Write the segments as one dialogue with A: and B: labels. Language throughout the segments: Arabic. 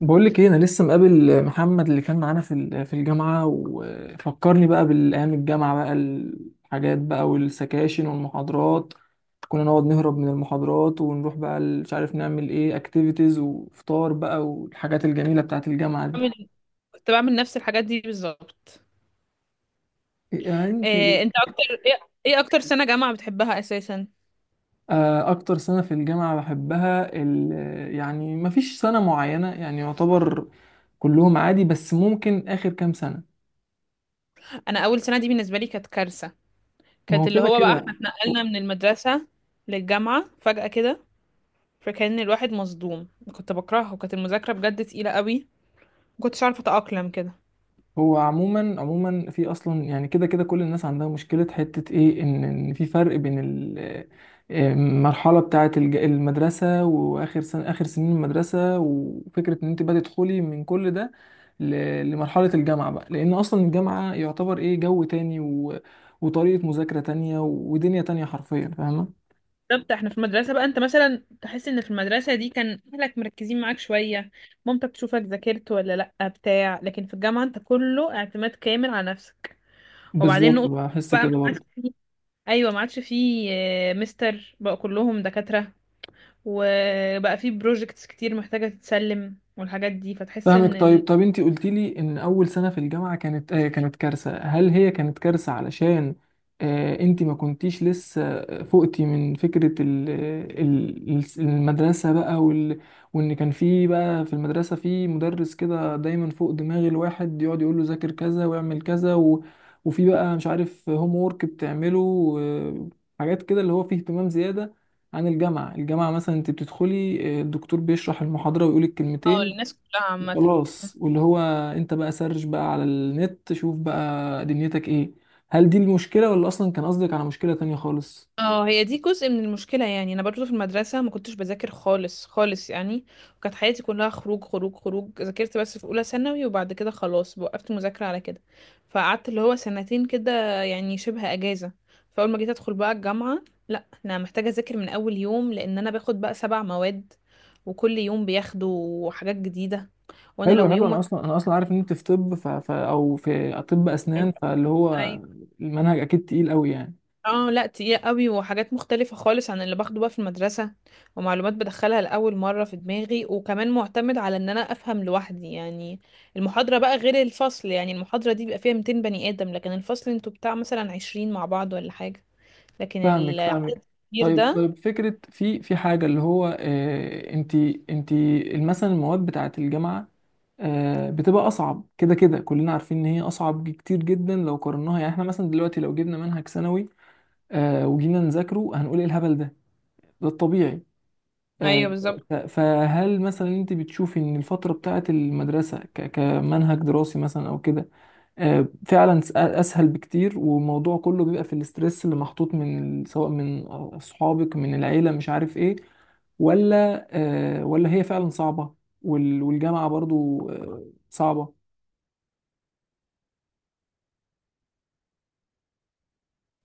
A: بقول لك ايه، انا لسه مقابل محمد اللي كان معانا في الجامعه، وفكرني بقى بالايام، الجامعه بقى، الحاجات بقى، والسكاشن والمحاضرات. كنا نقعد نهرب من المحاضرات ونروح بقى مش عارف نعمل ايه، اكتيفيتيز وفطار بقى، والحاجات الجميله بتاعت الجامعه دي.
B: بعمل كنت بعمل نفس الحاجات دي بالظبط.
A: إيه انت
B: إيه
A: إيه؟
B: انت اكتر ايه إيه اكتر سنة جامعة بتحبها اساسا؟
A: اكتر سنه في الجامعه بحبها يعني مفيش سنه معينه يعني يعتبر، كلهم عادي، بس ممكن اخر كام سنه.
B: انا اول سنة دي بالنسبة لي كانت كارثة.
A: ما
B: كانت
A: هو
B: اللي
A: كده
B: هو بقى
A: كده.
B: احنا اتنقلنا من المدرسة للجامعة فجأة كده، فكان الواحد مصدوم. كنت بكرهه، وكانت المذاكرة بجد تقيلة قوي، مكنتش عارفة اتأقلم كده.
A: هو عموما عموما في اصلا، يعني كده كده كل الناس عندها مشكله، حته ايه، ان في فرق بين المرحله بتاعه المدرسه، واخر سنه، اخر سنين المدرسه، وفكره ان انت بقى تدخلي من كل ده لمرحله الجامعه بقى. لان اصلا الجامعه يعتبر ايه، جو تاني وطريقه مذاكره تانية، ودنيا تانية حرفيا، فاهمه.
B: بالظبط، احنا في المدرسة بقى انت مثلا تحس ان في المدرسة دي كان اهلك مركزين معاك شوية، مامتك تشوفك ذاكرت ولا لأ بتاع، لكن في الجامعة انت كله اعتماد كامل على نفسك. وبعدين
A: بالظبط
B: نقطة
A: بحس
B: بقى
A: كده
B: معاك.
A: برضه.
B: ايوه، ما عادش فيه. مستر بقى كلهم دكاترة، وبقى فيه بروجكتس كتير محتاجة تتسلم والحاجات دي، فتحس
A: فاهمك.
B: ان
A: طيب
B: ال...
A: طب انت قلت لي ان اول سنه في الجامعه كانت آه كانت كارثه، هل هي كانت كارثه علشان آه انت ما كنتيش لسه فقتي من فكره ال المدرسه بقى وان كان في بقى في المدرسه في مدرس كده دايما فوق دماغ الواحد، يقعد يقول له ذاكر كذا واعمل كذا، و وفي بقى مش عارف هوم وورك بتعمله حاجات كده اللي هو فيه اهتمام زياده عن الجامعة. الجامعة مثلا انت بتدخلي، آه، الدكتور بيشرح المحاضرة ويقولك
B: اه،
A: كلمتين
B: الناس كلها عامة.
A: خلاص. واللي هو انت بقى سرش بقى على النت، شوف بقى دنيتك ايه. هل دي المشكلة، ولا اصلا كان قصدك على مشكلة تانية خالص؟
B: اه، هي دي جزء من المشكلة، يعني انا برضو في المدرسة ما كنتش بذاكر خالص خالص يعني، وكانت حياتي كلها خروج خروج خروج. ذاكرت بس في اولى ثانوي وبعد كده خلاص وقفت مذاكرة على كده، فقعدت اللي هو سنتين كده، يعني شبه اجازة. فاول ما جيت ادخل بقى الجامعة، لا انا محتاجة اذاكر من اول يوم لان انا باخد بقى 7 مواد، وكل يوم بياخدوا حاجات جديدة، وانا
A: حلو
B: لو
A: حلو. انا
B: يوم
A: اصلا انا اصلا عارف ان انت في طب، او في طب اسنان، فاللي هو
B: واحد.
A: المنهج اكيد تقيل قوي يعني.
B: اه، لا تقيلة قوي وحاجات مختلفة خالص عن اللي باخده بقى في المدرسة، ومعلومات بدخلها لأول مرة في دماغي، وكمان معتمد على ان انا افهم لوحدي يعني. المحاضرة بقى غير الفصل، يعني المحاضرة دي بيبقى فيها 200 بني آدم، لكن الفصل انتوا بتاع مثلا 20 مع بعض ولا حاجة. لكن
A: فاهمك
B: العدد
A: فاهمك
B: الكبير
A: طيب
B: ده.
A: طيب. فكرة في حاجة، اللي هو اه انت مثلا المواد بتاعة الجامعة، آه، بتبقى اصعب كده كده، كلنا عارفين ان هي اصعب كتير جدا لو قارناها. يعني احنا مثلا دلوقتي لو جبنا منهج ثانوي، آه، وجينا نذاكره هنقول ايه الهبل ده، ده الطبيعي. آه.
B: ايوه، بالظبط.
A: فهل مثلا انت بتشوفي ان الفترة بتاعت المدرسة كمنهج دراسي مثلا، او كده، آه، فعلا اسهل بكتير، والموضوع كله بيبقى في الاسترس اللي محطوط من سواء من اصحابك، من العيلة، مش عارف ايه، ولا آه، ولا هي فعلا صعبة والجامعة برضو آه صعبة؟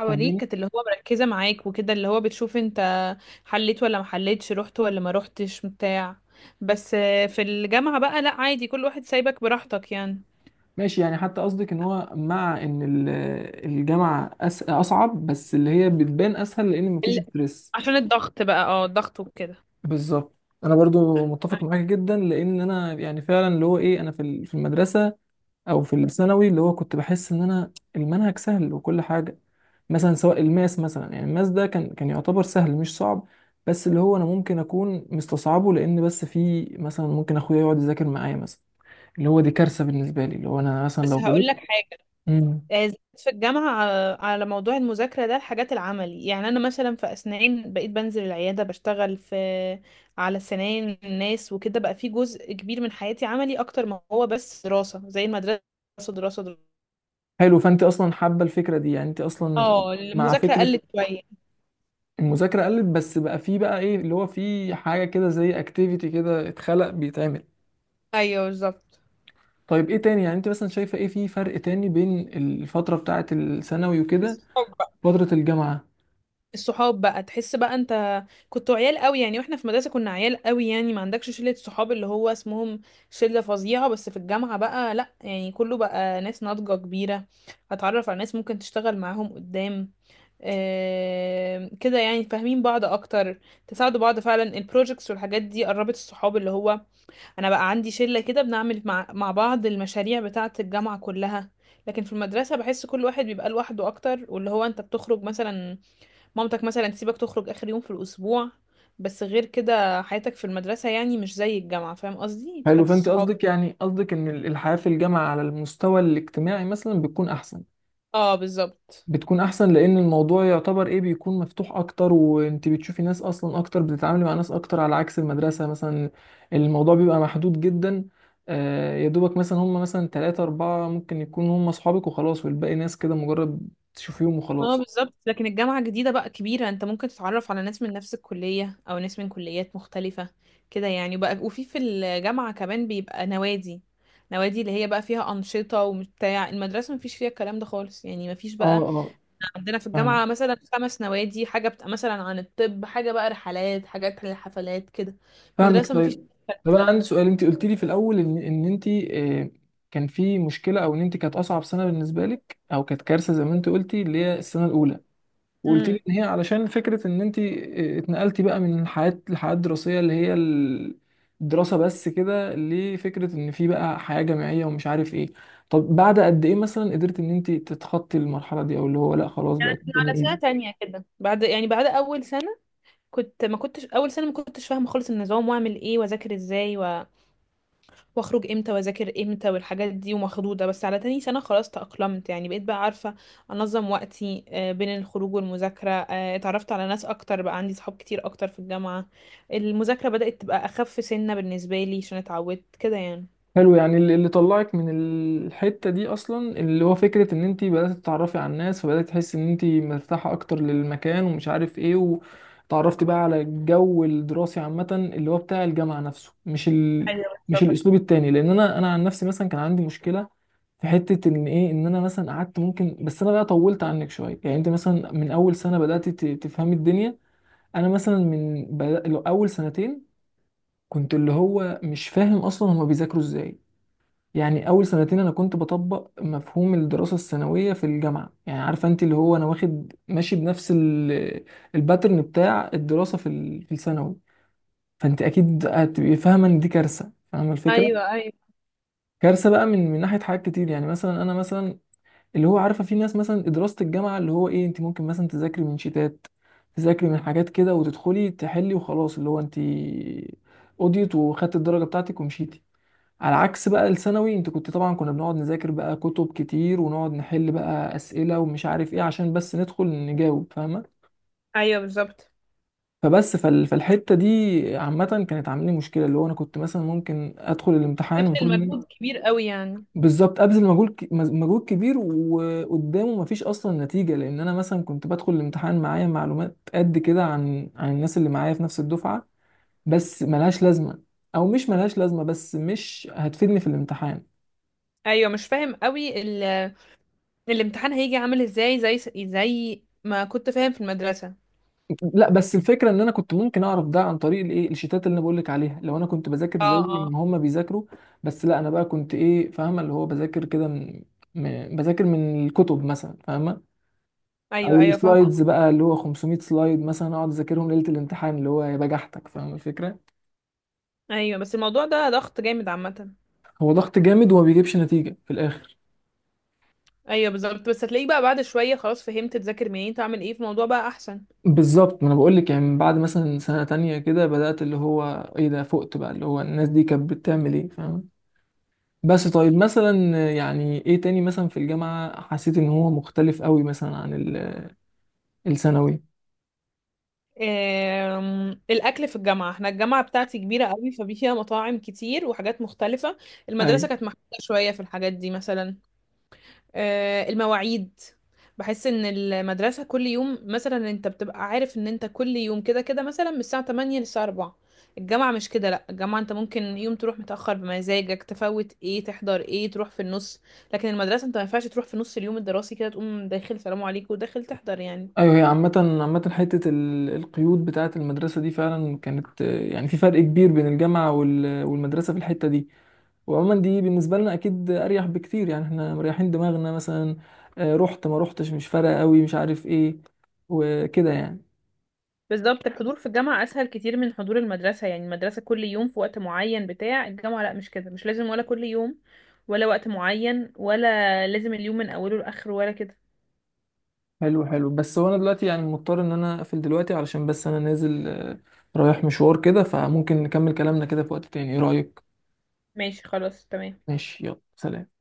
B: حواليك
A: فاهماني؟
B: كانت اللي هو مركزة معاك وكده، اللي هو بتشوف انت حليت ولا ما حليتش، رحت ولا ما رحتش بتاع. بس في الجامعة بقى لا، عادي كل واحد سايبك براحتك يعني.
A: ماشي، يعني حتى قصدك ان هو مع ان الجامعة اصعب، بس اللي هي بتبان اسهل لان مفيش ستريس.
B: عشان الضغط بقى، اه الضغط وكده.
A: بالظبط. انا برضو متفق معاك جدا، لان انا يعني فعلا اللي هو ايه، انا في في المدرسة، او في الثانوي، اللي هو كنت بحس ان انا المنهج سهل وكل حاجة. مثلا سواء الماس مثلا، يعني الماس ده كان يعتبر سهل مش صعب، بس اللي هو انا ممكن اكون مستصعبه، لان بس في مثلا ممكن اخويا يقعد يذاكر معايا مثلا، اللي هو دي كارثة بالنسبة لي، اللي هو انا مثلا
B: بس
A: لو
B: هقول لك حاجة.
A: غلطت.
B: زادت في الجامعة على موضوع المذاكرة ده الحاجات العملي. يعني أنا مثلا في أسنان بقيت بنزل العيادة بشتغل في، على سنان الناس وكده، بقى في جزء كبير من حياتي عملي أكتر ما هو بس دراسة زي المدرسة. دراسة دراسة دراسة.
A: حلو، فانت اصلا حابه الفكره دي، يعني انت اصلا
B: اه،
A: مع
B: المذاكرة
A: فكره
B: قلت شوية.
A: المذاكره قلت، بس بقى في بقى ايه، اللي هو في حاجه كده زي اكتيفيتي كده اتخلق بيتعمل.
B: أيوه، بالظبط.
A: طيب ايه تاني، يعني انت مثلا شايفه ايه في فرق تاني بين الفتره بتاعه الثانوي وكده، وفتره الجامعه؟
B: الصحاب بقى تحس بقى انت كنتوا عيال قوي، يعني واحنا في مدرسة كنا عيال قوي، يعني ما عندكش شلة صحاب اللي هو اسمهم شلة فظيعة. بس في الجامعة بقى لا، يعني كله بقى ناس ناضجة كبيرة، هتعرف على ناس ممكن تشتغل معاهم قدام. آه كده، يعني فاهمين بعض اكتر، تساعدوا بعض، فعلا البروجكتس والحاجات دي قربت الصحاب اللي هو، انا بقى عندي شلة كده بنعمل مع بعض المشاريع بتاعة الجامعة كلها. لكن في المدرسة بحس كل واحد بيبقى لوحده اكتر، واللي هو انت بتخرج مثلا، مامتك مثلا تسيبك تخرج آخر يوم في الأسبوع. بس غير كده حياتك في المدرسة يعني مش زي الجامعة، فاهم قصدي؟ في
A: حلو،
B: حياة
A: فانت
B: الصحاب.
A: قصدك يعني قصدك ان الحياه في الجامعه على المستوى الاجتماعي مثلا بتكون احسن،
B: اه، بالظبط.
A: بتكون احسن لان الموضوع يعتبر ايه بيكون مفتوح اكتر، وانت بتشوفي ناس اصلا اكتر، بتتعاملي مع ناس اكتر، على عكس المدرسة مثلا الموضوع بيبقى محدود جدا، آه، يا دوبك مثلا هم مثلا تلاتة أربعة ممكن يكونوا هم أصحابك وخلاص، والباقي ناس كده مجرد تشوفيهم
B: اه،
A: وخلاص.
B: بالظبط. لكن الجامعة جديدة بقى كبيرة، انت ممكن تتعرف على ناس من نفس الكلية او ناس من كليات مختلفة كده يعني بقى. وفي في الجامعة كمان بيبقى نوادي، نوادي اللي هي بقى فيها أنشطة وبتاع. المدرسة مفيش فيها الكلام ده خالص، يعني مفيش
A: اه
B: بقى.
A: اه.
B: عندنا في
A: فاهم.
B: الجامعة مثلا 5 نوادي، حاجة بتبقى مثلا عن الطب، حاجة بقى رحلات، حاجات للحفلات كده.
A: فاهمك.
B: مدرسة مفيش
A: طيب طب أنا
B: ده.
A: عندي سؤال، أنت قلت لي في الأول إن أنت، آه، كان في مشكلة، أو إن أنت كانت أصعب سنة بالنسبة لك، أو كانت كارثة زي ما أنت قلتي، اللي هي السنة الأولى. وقلت لي
B: امم
A: ان هي علشان فكره ان انت اتنقلتي بقى من حياه، الحياه الدراسيه اللي هي الدراسه بس كده، لفكره ان في بقى حياه جامعيه ومش عارف ايه. طب بعد قد ايه مثلا قدرت ان انت تتخطي المرحله دي، او اللي هو لا خلاص بقت الدنيا
B: على سنة
A: ايزي؟
B: تانية كده بعد، يعني بعد أول سنة. كنت ما كنتش فاهمة خالص النظام، وأعمل إيه وأذاكر إزاي. واخرج امتى واذاكر امتى والحاجات دي ومخضوضه. بس على تاني سنه خلاص تأقلمت، يعني بقيت بقى عارفه انظم وقتي بين الخروج والمذاكره. اتعرفت على ناس اكتر، بقى عندي صحاب كتير اكتر في الجامعه. المذاكره بدأت تبقى اخف سنه بالنسبه لي عشان اتعودت كده يعني.
A: حلو، يعني اللي طلعك من الحتة دي أصلا اللي هو فكرة إن أنت بدأت تتعرفي على الناس، فبدأت تحسي إن أنت مرتاحة أكتر للمكان، ومش عارف إيه، وتعرفتي بقى على الجو الدراسي عامة، اللي هو بتاع الجامعة نفسه، مش الأسلوب التاني. لأن أنا عن نفسي مثلا كان عندي مشكلة في حتة إن إيه، إن أنا مثلا قعدت ممكن، بس أنا بقى طولت عنك شوية، يعني أنت مثلا من أول سنة بدأت تفهمي الدنيا، أنا مثلا من أول سنتين كنت اللي هو مش فاهم أصلا هما بيذاكروا إزاي. يعني اول سنتين انا كنت بطبق مفهوم الدراسه الثانويه في الجامعه، يعني عارفه انت اللي هو انا واخد ماشي بنفس الباترن بتاع الدراسه في في الثانوي، فانت اكيد هتبقي فاهمه ان دي كارثه، فاهمه الفكره.
B: ايوه، ايوه.
A: كارثه بقى من ناحيه حاجات كتير، يعني مثلا انا مثلا اللي هو عارفه في ناس مثلا دراسه الجامعه اللي هو ايه، انت ممكن مثلا تذاكري من شيتات، تذاكري من حاجات كده، وتدخلي تحلي وخلاص، اللي هو انت قضيت وخدت الدرجه بتاعتك ومشيتي. على عكس بقى الثانوي، انت كنت طبعا، كنا بنقعد نذاكر بقى كتب كتير، ونقعد نحل بقى اسئله ومش عارف ايه، عشان بس ندخل نجاوب، فاهمه.
B: ايوه، بالظبط.
A: فبس فالحته دي عامه كانت عامله لي مشكله، اللي هو انا كنت مثلا ممكن ادخل الامتحان
B: بذل
A: المفروض ان أنا
B: مجهود كبير قوي يعني.
A: بالظبط ابذل مجهود مجهود كبير، وقدامه مفيش اصلا نتيجه، لان انا مثلا كنت بدخل الامتحان معايا معلومات قد كده عن الناس اللي معايا في نفس الدفعه، بس ملهاش لازمه، او مش ملهاش لازمه، بس مش هتفيدني في الامتحان.
B: ايوه، مش فاهم قوي. الامتحان هيجي عامل ازاي زي ما كنت فاهم في المدرسه.
A: لا، بس الفكره ان انا كنت ممكن اعرف ده عن طريق الايه الشيتات اللي انا بقول لك عليها، لو انا كنت بذاكر
B: اه،
A: زي
B: اه.
A: ما هم بيذاكروا، بس لا انا بقى كنت ايه، فاهمه اللي هو بذاكر كده من بذاكر من الكتب مثلا، فاهمه،
B: ايوه
A: او
B: ايوه، فاهمه.
A: السلايدز بقى اللي هو 500 سلايد مثلا اقعد اذاكرهم ليله الامتحان، اللي هو يا بجحتك، فاهم الفكره.
B: ايوه، بس الموضوع ده ضغط جامد عامه.
A: هو ضغط جامد وما بيجيبش نتيجه في الاخر.
B: ايوه بالظبط، بس هتلاقيه بقى بعد شويه، خلاص فهمت تذاكر منين تعمل ايه في الموضوع بقى احسن.
A: بالظبط. ما انا بقول لك، يعني من بعد مثلا سنه تانية كده بدات اللي هو ايه ده، فقت بقى اللي هو الناس دي كانت بتعمل ايه، فاهم. بس طيب مثلا يعني ايه تاني مثلا في الجامعة حسيت ان هو مختلف قوي مثلا عن الثانوي؟
B: الاكل في الجامعه. احنا الجامعه بتاعتي كبيره قوي، ففيها مطاعم كتير وحاجات مختلفه.
A: ايوه
B: المدرسه كانت محدوده شويه في الحاجات دي مثلا. المواعيد. بحس ان المدرسة كل يوم مثلا انت بتبقى عارف ان انت كل يوم كده كده مثلا من الساعة 8 للساعة 4. الجامعة مش كده، لا الجامعة انت ممكن يوم تروح متأخر بمزاجك، تفوت ايه تحضر ايه، تروح في النص. لكن المدرسة انت ما ينفعش تروح في نص اليوم الدراسي كده، تقوم داخل سلام عليكم وداخل تحضر يعني.
A: ايوه. هي عامة عامة حتة القيود بتاعة المدرسة دي فعلا كانت آه، يعني في فرق كبير بين الجامعة والمدرسة في الحتة دي. وعموما دي بالنسبة لنا اكيد اريح بكتير، يعني احنا مريحين دماغنا مثلا، آه، رحت ما رحتش مش فارقة قوي، مش عارف ايه، وكده يعني.
B: بالظبط، الحضور في الجامعة أسهل كتير من حضور المدرسة، يعني المدرسة كل يوم في وقت معين بتاع. الجامعة لا مش كده، مش لازم ولا كل يوم ولا وقت معين، ولا لازم اليوم من أوله لآخره ولا كده.
A: حلو حلو، بس هو انا دلوقتي يعني مضطر ان انا اقفل دلوقتي، علشان بس انا نازل آه، رايح مشوار كده، فممكن نكمل كلامنا كده في وقت تاني، ايه رأيك؟
B: ماشي، خلاص، تمام.
A: ماشي يلا سلام.